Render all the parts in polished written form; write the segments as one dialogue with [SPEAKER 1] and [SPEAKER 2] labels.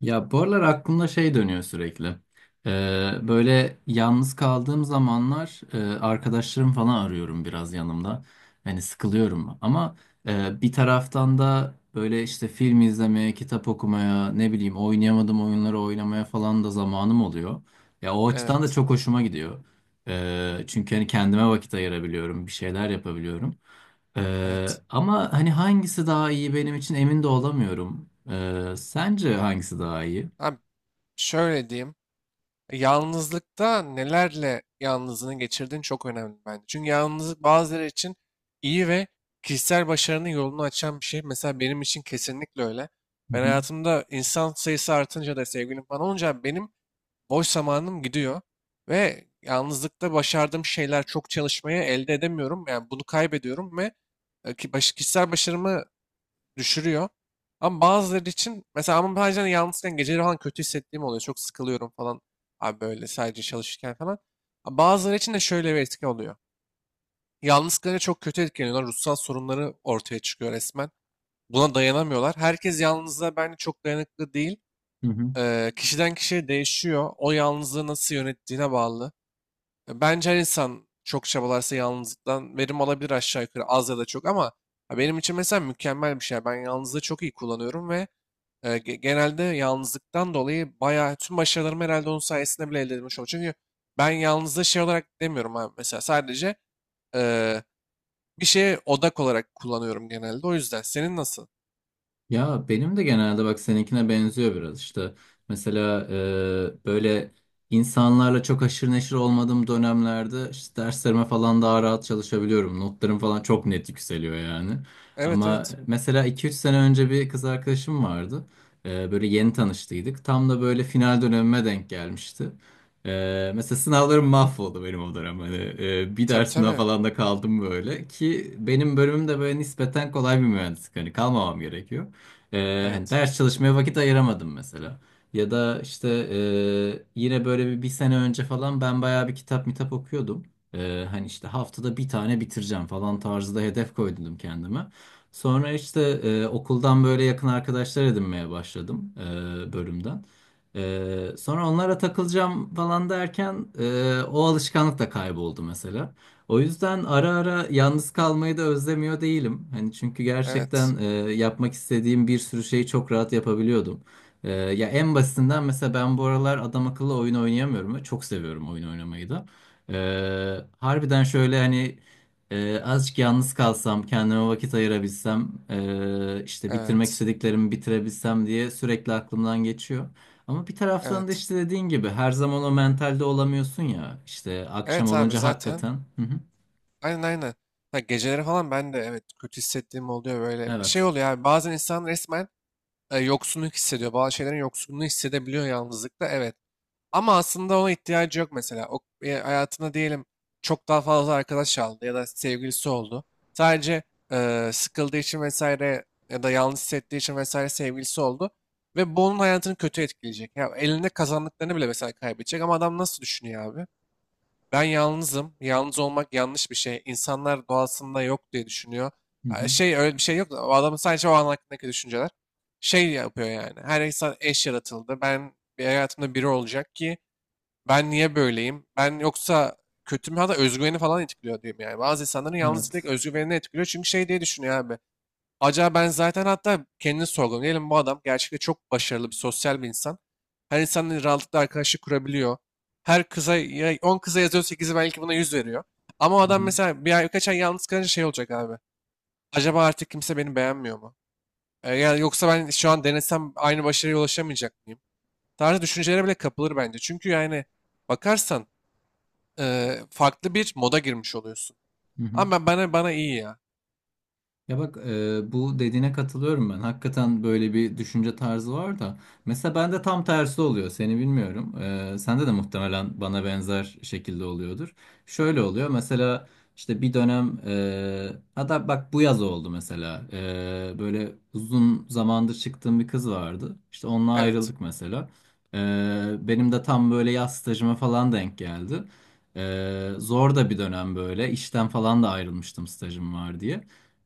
[SPEAKER 1] Ya bu aralar aklımda şey dönüyor sürekli. Böyle yalnız kaldığım zamanlar arkadaşlarım falan arıyorum biraz yanımda. Hani sıkılıyorum ama bir taraftan da böyle işte film izlemeye, kitap okumaya, ne bileyim oynayamadığım oyunları oynamaya falan da zamanım oluyor. Ya o açıdan da
[SPEAKER 2] Evet,
[SPEAKER 1] çok hoşuma gidiyor. Çünkü hani kendime vakit ayırabiliyorum, bir şeyler yapabiliyorum.
[SPEAKER 2] evet.
[SPEAKER 1] Ama hani hangisi daha iyi benim için emin de olamıyorum. Sence hangisi daha iyi?
[SPEAKER 2] Abi şöyle diyeyim. Yalnızlıkta nelerle yalnızlığını geçirdiğin çok önemli bence. Çünkü yalnızlık bazıları için iyi ve kişisel başarının yolunu açan bir şey. Mesela benim için kesinlikle öyle.
[SPEAKER 1] Hı
[SPEAKER 2] Ben
[SPEAKER 1] hı.
[SPEAKER 2] hayatımda insan sayısı artınca da sevgilim falan olunca benim boş zamanım gidiyor. Ve yalnızlıkta başardığım şeyler çok çalışmaya elde edemiyorum. Yani bunu kaybediyorum ve kişisel başarımı düşürüyor. Ama bazıları için mesela ama bazen yalnızken geceleri falan kötü hissettiğim oluyor. Çok sıkılıyorum falan. Abi böyle sadece çalışırken falan. Ama bazıları için de şöyle bir etki oluyor. Yalnız kalınca çok kötü etkileniyorlar. Ruhsal sorunları ortaya çıkıyor resmen. Buna dayanamıyorlar. Herkes yalnızlığa bence çok dayanıklı değil.
[SPEAKER 1] Hı hı.
[SPEAKER 2] Kişiden kişiye değişiyor. O yalnızlığı nasıl yönettiğine bağlı. Bence her insan çok çabalarsa yalnızlıktan verim alabilir aşağı yukarı az ya da çok ama ya benim için mesela mükemmel bir şey. Ben yalnızlığı çok iyi kullanıyorum ve genelde yalnızlıktan dolayı bayağı tüm başarılarımı herhalde onun sayesinde bile elde edilmiş oldu. Çünkü ben yalnızlığı şey olarak demiyorum abi mesela sadece e, bir şeye odak olarak kullanıyorum genelde. O yüzden senin nasıl?
[SPEAKER 1] Ya benim de genelde bak seninkine benziyor biraz işte. Mesela böyle insanlarla çok haşır neşir olmadığım dönemlerde işte derslerime falan daha rahat çalışabiliyorum. Notlarım falan çok net yükseliyor yani.
[SPEAKER 2] Evet,
[SPEAKER 1] Ama
[SPEAKER 2] evet.
[SPEAKER 1] mesela iki üç sene önce bir kız arkadaşım vardı. Böyle yeni tanıştıydık. Tam da böyle final dönemime denk gelmişti. Mesela sınavlarım mahvoldu benim o dönem. Hani, bir
[SPEAKER 2] Tabii,
[SPEAKER 1] dersimden
[SPEAKER 2] tabii.
[SPEAKER 1] falan da kaldım böyle. Ki benim bölümüm de böyle nispeten kolay bir mühendislik. Hani kalmamam gerekiyor. Hani
[SPEAKER 2] Evet.
[SPEAKER 1] ders çalışmaya vakit ayıramadım mesela. Ya da işte yine böyle bir sene önce falan ben bayağı bir kitap mitap okuyordum. Hani işte haftada bir tane bitireceğim falan tarzda hedef koydum kendime. Sonra işte okuldan böyle yakın arkadaşlar edinmeye başladım bölümden. Sonra onlara takılacağım falan derken o alışkanlık da kayboldu mesela. O yüzden ara ara yalnız kalmayı da özlemiyor değilim. Hani çünkü
[SPEAKER 2] Evet.
[SPEAKER 1] gerçekten yapmak istediğim bir sürü şeyi çok rahat yapabiliyordum. Ya en basitinden mesela ben bu aralar adam akıllı oyun oynayamıyorum ve çok seviyorum oyun oynamayı da. E, Harbiden şöyle hani azıcık yalnız kalsam, kendime vakit ayırabilsem, işte bitirmek
[SPEAKER 2] Evet.
[SPEAKER 1] istediklerimi bitirebilsem diye sürekli aklımdan geçiyor. Ama bir taraftan da
[SPEAKER 2] Evet.
[SPEAKER 1] işte dediğin gibi her zaman o mentalde olamıyorsun ya. İşte akşam
[SPEAKER 2] Evet abi,
[SPEAKER 1] olunca
[SPEAKER 2] zaten.
[SPEAKER 1] hakikaten. Hı hı.
[SPEAKER 2] Aynen, aynen. Ha, geceleri falan ben de evet kötü hissettiğim oluyor böyle. Şey
[SPEAKER 1] Evet.
[SPEAKER 2] oluyor abi, bazen insan resmen yoksunluk hissediyor. Bazı şeylerin yoksunluğunu hissedebiliyor yalnızlıkta. Evet. Ama aslında ona ihtiyacı yok mesela. O hayatına diyelim çok daha fazla arkadaş aldı ya da sevgilisi oldu. Sadece sıkıldığı için vesaire ya da yalnız hissettiği için vesaire sevgilisi oldu. Ve bu onun hayatını kötü etkileyecek. Ya elinde kazandıklarını bile mesela kaybedecek. Ama adam nasıl düşünüyor abi? Ben yalnızım. Yalnız olmak yanlış bir şey. İnsanlar doğasında yok diye düşünüyor.
[SPEAKER 1] Hı
[SPEAKER 2] Ha,
[SPEAKER 1] hı.
[SPEAKER 2] şey öyle bir şey yok. O adamın sadece o an hakkındaki düşünceler. Şey yapıyor yani. Her insan eş yaratıldı. Ben bir hayatımda biri olacak ki ben niye böyleyim? Ben yoksa kötü mü? Hatta özgüveni falan etkiliyor diyeyim yani. Bazı insanların yalnız direkt
[SPEAKER 1] Evet.
[SPEAKER 2] özgüvenini etkiliyor. Çünkü şey diye düşünüyor abi. Acaba ben zaten hatta kendini sorguluyorum. Diyelim bu adam gerçekten çok başarılı bir sosyal bir insan. Her insanla rahatlıkla arkadaşlık kurabiliyor. Her kıza, ya 10 kıza yazıyor 8'i belki buna 100 veriyor. Ama o
[SPEAKER 1] Hı
[SPEAKER 2] adam
[SPEAKER 1] hı.
[SPEAKER 2] mesela bir ay birkaç ay yalnız kalınca şey olacak abi. Acaba artık kimse beni beğenmiyor mu? Yani yoksa ben şu an denesem aynı başarıya ulaşamayacak mıyım? Tarzı düşüncelere bile kapılır bence. Çünkü yani bakarsan farklı bir moda girmiş oluyorsun.
[SPEAKER 1] Hı hı.
[SPEAKER 2] Ama bana iyi ya.
[SPEAKER 1] Ya bak bu dediğine katılıyorum ben. Hakikaten böyle bir düşünce tarzı var da. Mesela bende tam tersi oluyor. Seni bilmiyorum. Sende de muhtemelen bana benzer şekilde oluyordur. Şöyle oluyor. Mesela işte bir dönem hatta bak bu yaz oldu mesela. Böyle uzun zamandır çıktığım bir kız vardı. İşte onunla
[SPEAKER 2] Evet.
[SPEAKER 1] ayrıldık mesela. E, Benim de tam böyle yaz stajıma falan denk geldi. Zor da bir dönem böyle. İşten falan da ayrılmıştım stajım var diye.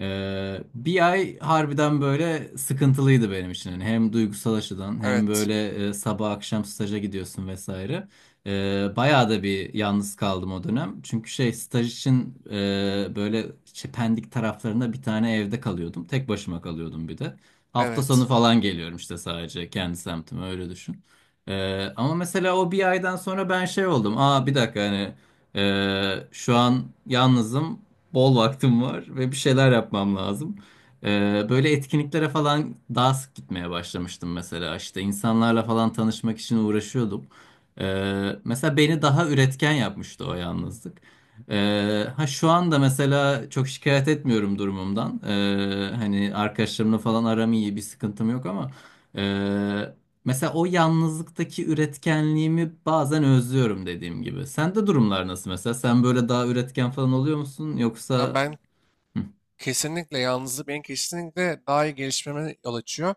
[SPEAKER 1] Bir ay harbiden böyle sıkıntılıydı benim için. Yani hem duygusal açıdan hem
[SPEAKER 2] Evet.
[SPEAKER 1] böyle sabah akşam staja gidiyorsun vesaire. Bayağı da bir yalnız kaldım o dönem. Çünkü şey staj için böyle işte Pendik taraflarında bir tane evde kalıyordum. Tek başıma kalıyordum bir de. Hafta sonu
[SPEAKER 2] Evet.
[SPEAKER 1] falan geliyorum işte sadece kendi semtime öyle düşün. Ama mesela o bir aydan sonra ben şey oldum. Aa bir dakika hani şu an yalnızım, bol vaktim var ve bir şeyler yapmam lazım. Böyle etkinliklere falan daha sık gitmeye başlamıştım mesela. İşte insanlarla falan tanışmak için uğraşıyordum. Mesela beni daha üretken yapmıştı o yalnızlık. Ha, şu anda mesela çok şikayet etmiyorum durumumdan. Hani arkadaşlarımla falan aram iyi, bir sıkıntım yok ama. e, Mesela o yalnızlıktaki üretkenliğimi bazen özlüyorum dediğim gibi. Sende durumlar nasıl mesela? Sen böyle daha üretken falan oluyor musun?
[SPEAKER 2] Ama
[SPEAKER 1] Yoksa. Hı,
[SPEAKER 2] kesinlikle yalnızlık benim kesinlikle daha iyi gelişmeme yol açıyor.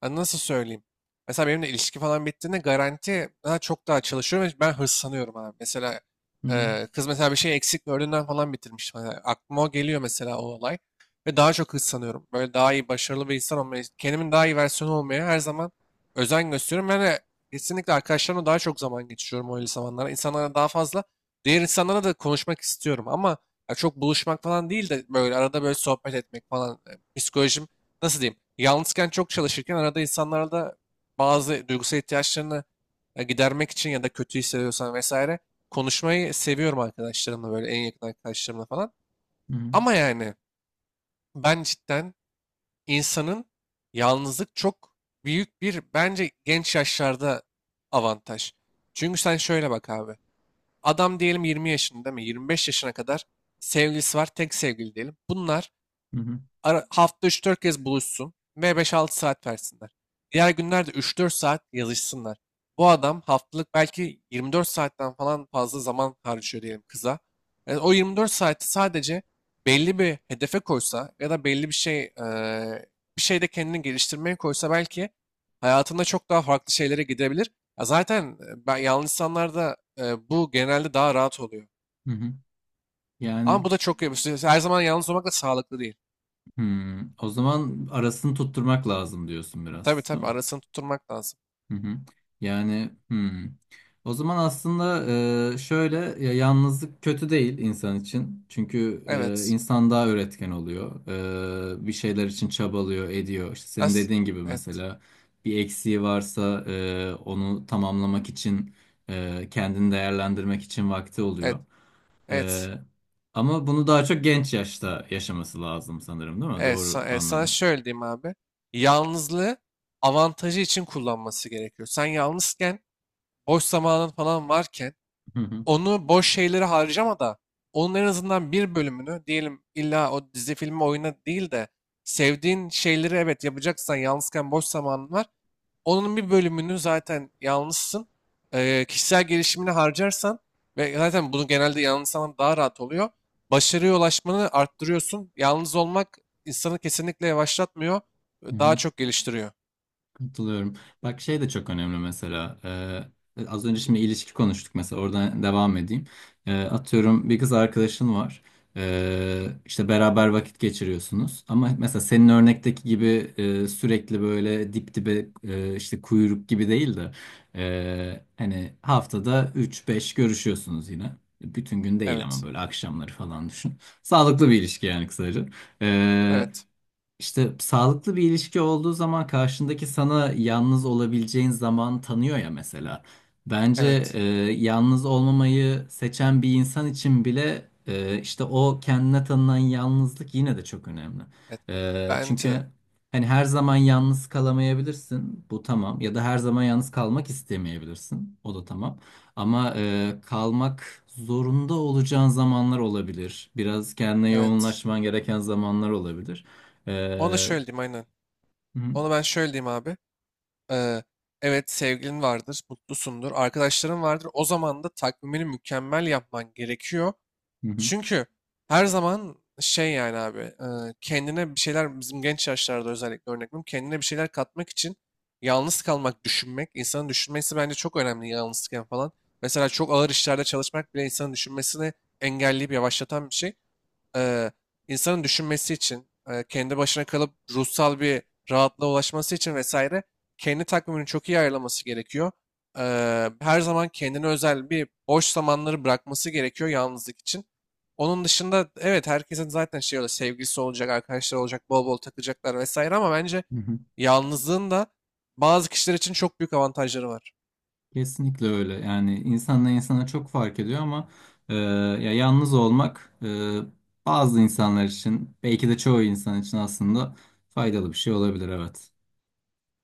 [SPEAKER 2] Hani nasıl söyleyeyim? Mesela benimle ilişki falan bittiğinde garanti daha çok daha çalışıyorum ve ben hırslanıyorum abi. Mesela
[SPEAKER 1] hı,
[SPEAKER 2] kız mesela bir şey eksik gördüğünden falan bitirmiş. Hani aklıma o geliyor mesela, o olay. Ve daha çok hırslanıyorum. Böyle daha iyi, başarılı bir insan olmaya, kendimin daha iyi versiyonu olmaya her zaman özen gösteriyorum. Ben de kesinlikle arkadaşlarımla daha çok zaman geçiriyorum öyle zamanlarda. İnsanlara daha fazla, diğer insanlara da konuşmak istiyorum ama ya çok buluşmak falan değil de böyle arada böyle sohbet etmek falan. Psikolojim nasıl diyeyim? Yalnızken çok çalışırken arada insanlarla da bazı duygusal ihtiyaçlarını gidermek için ya da kötü hissediyorsan vesaire konuşmayı seviyorum arkadaşlarımla, böyle en yakın arkadaşlarımla falan.
[SPEAKER 1] hı,
[SPEAKER 2] Ama yani ben cidden insanın yalnızlık çok büyük bir bence genç yaşlarda avantaj. Çünkü sen şöyle bak abi. Adam diyelim 20 yaşında, değil mi? 25 yaşına kadar sevgilisi var. Tek sevgili diyelim. Bunlar
[SPEAKER 1] hı,
[SPEAKER 2] Hafta üç dört kez buluşsun ve 5-6 saat versinler. Diğer günlerde üç dört saat yazışsınlar. Bu adam haftalık belki 24 saatten falan fazla zaman harcıyor diyelim kıza. Yani o 24 saati sadece belli bir hedefe koysa ya da belli bir şey bir şeyde kendini geliştirmeye koysa belki hayatında çok daha farklı şeylere gidebilir. Ya zaten ben yalnız insanlarda bu genelde daha rahat oluyor.
[SPEAKER 1] hı, hı. Yani
[SPEAKER 2] Ama bu da çok iyi. Her zaman yalnız olmak da sağlıklı değil.
[SPEAKER 1] o zaman arasını tutturmak lazım diyorsun
[SPEAKER 2] Tabii,
[SPEAKER 1] biraz, değil
[SPEAKER 2] tabii,
[SPEAKER 1] mi?
[SPEAKER 2] arasını tutturmak lazım.
[SPEAKER 1] Hı hı. Yani hmm. O zaman aslında şöyle, ya yalnızlık kötü değil insan için. Çünkü
[SPEAKER 2] Evet.
[SPEAKER 1] insan daha üretken oluyor. Bir şeyler için çabalıyor, ediyor. İşte senin
[SPEAKER 2] As
[SPEAKER 1] dediğin gibi
[SPEAKER 2] evet.
[SPEAKER 1] mesela bir eksiği varsa onu tamamlamak için, kendini değerlendirmek için vakti
[SPEAKER 2] Evet.
[SPEAKER 1] oluyor.
[SPEAKER 2] Evet.
[SPEAKER 1] E, Ama bunu daha çok genç yaşta yaşaması lazım sanırım, değil mi?
[SPEAKER 2] Evet. Sa-
[SPEAKER 1] Doğru
[SPEAKER 2] evet, Sana
[SPEAKER 1] anladım.
[SPEAKER 2] şöyle diyeyim abi. Yalnızlığı avantajı için kullanması gerekiyor. Sen yalnızken boş zamanın falan varken
[SPEAKER 1] Hı hı.
[SPEAKER 2] onu boş şeylere harcama da onun en azından bir bölümünü diyelim illa o dizi filmi oyuna değil de sevdiğin şeyleri evet yapacaksan yalnızken boş zamanın var. Onun bir bölümünü zaten yalnızsın. Kişisel gelişimine harcarsan ve zaten bunu genelde yalnız zaman daha rahat oluyor. Başarıya ulaşmanı arttırıyorsun. Yalnız olmak insanı kesinlikle yavaşlatmıyor.
[SPEAKER 1] Hı
[SPEAKER 2] Daha
[SPEAKER 1] hı.
[SPEAKER 2] çok geliştiriyor.
[SPEAKER 1] Katılıyorum. Bak şey de çok önemli mesela. Az önce şimdi ilişki konuştuk mesela, oradan devam edeyim. Atıyorum bir kız arkadaşın var. İşte beraber vakit geçiriyorsunuz. Ama mesela senin örnekteki gibi sürekli böyle dip dibe, işte kuyruk gibi değil de, hani haftada üç beş görüşüyorsunuz yine. Bütün gün değil ama
[SPEAKER 2] Evet.
[SPEAKER 1] böyle akşamları falan düşün. Sağlıklı bir ilişki yani kısaca.
[SPEAKER 2] Evet.
[SPEAKER 1] İşte sağlıklı bir ilişki olduğu zaman karşındaki sana yalnız olabileceğin zaman tanıyor ya mesela. Bence
[SPEAKER 2] Evet.
[SPEAKER 1] e, yalnız olmamayı seçen bir insan için bile işte o kendine tanınan yalnızlık yine de çok önemli.
[SPEAKER 2] Evet. Bence de.
[SPEAKER 1] Çünkü hani her zaman yalnız kalamayabilirsin, bu tamam. Ya da her zaman yalnız kalmak istemeyebilirsin, o da tamam. Ama kalmak zorunda olacağın zamanlar olabilir. Biraz kendine
[SPEAKER 2] Evet.
[SPEAKER 1] yoğunlaşman gereken zamanlar olabilir.
[SPEAKER 2] Onu da
[SPEAKER 1] Ee,
[SPEAKER 2] şöyle diyeyim, aynen.
[SPEAKER 1] hı hı,
[SPEAKER 2] Onu ben şöyle diyeyim abi. Ee, evet sevgilin vardır, mutlusundur, arkadaşların vardır. O zaman da takvimini mükemmel yapman gerekiyor.
[SPEAKER 1] hı hı,
[SPEAKER 2] Çünkü her zaman şey yani abi kendine bir şeyler bizim genç yaşlarda özellikle örnek veriyorum. Kendine bir şeyler katmak için yalnız kalmak, düşünmek, insanın düşünmesi bence çok önemli yalnızken falan. Mesela çok ağır işlerde çalışmak bile insanın düşünmesini engelleyip yavaşlatan bir şey, eee, insanın düşünmesi için, kendi başına kalıp ruhsal bir rahatlığa ulaşması için vesaire kendi takvimini çok iyi ayarlaması gerekiyor. Her zaman kendine özel bir boş zamanları bırakması gerekiyor yalnızlık için. Onun dışında evet herkesin zaten şey öyle sevgilisi olacak, arkadaşlar olacak, bol bol takılacaklar vesaire ama bence
[SPEAKER 1] hı hı.
[SPEAKER 2] yalnızlığın da bazı kişiler için çok büyük avantajları var.
[SPEAKER 1] Kesinlikle öyle. Yani insanla insana çok fark ediyor ama e, ya yalnız olmak, bazı insanlar için belki de çoğu insan için aslında faydalı bir şey olabilir evet.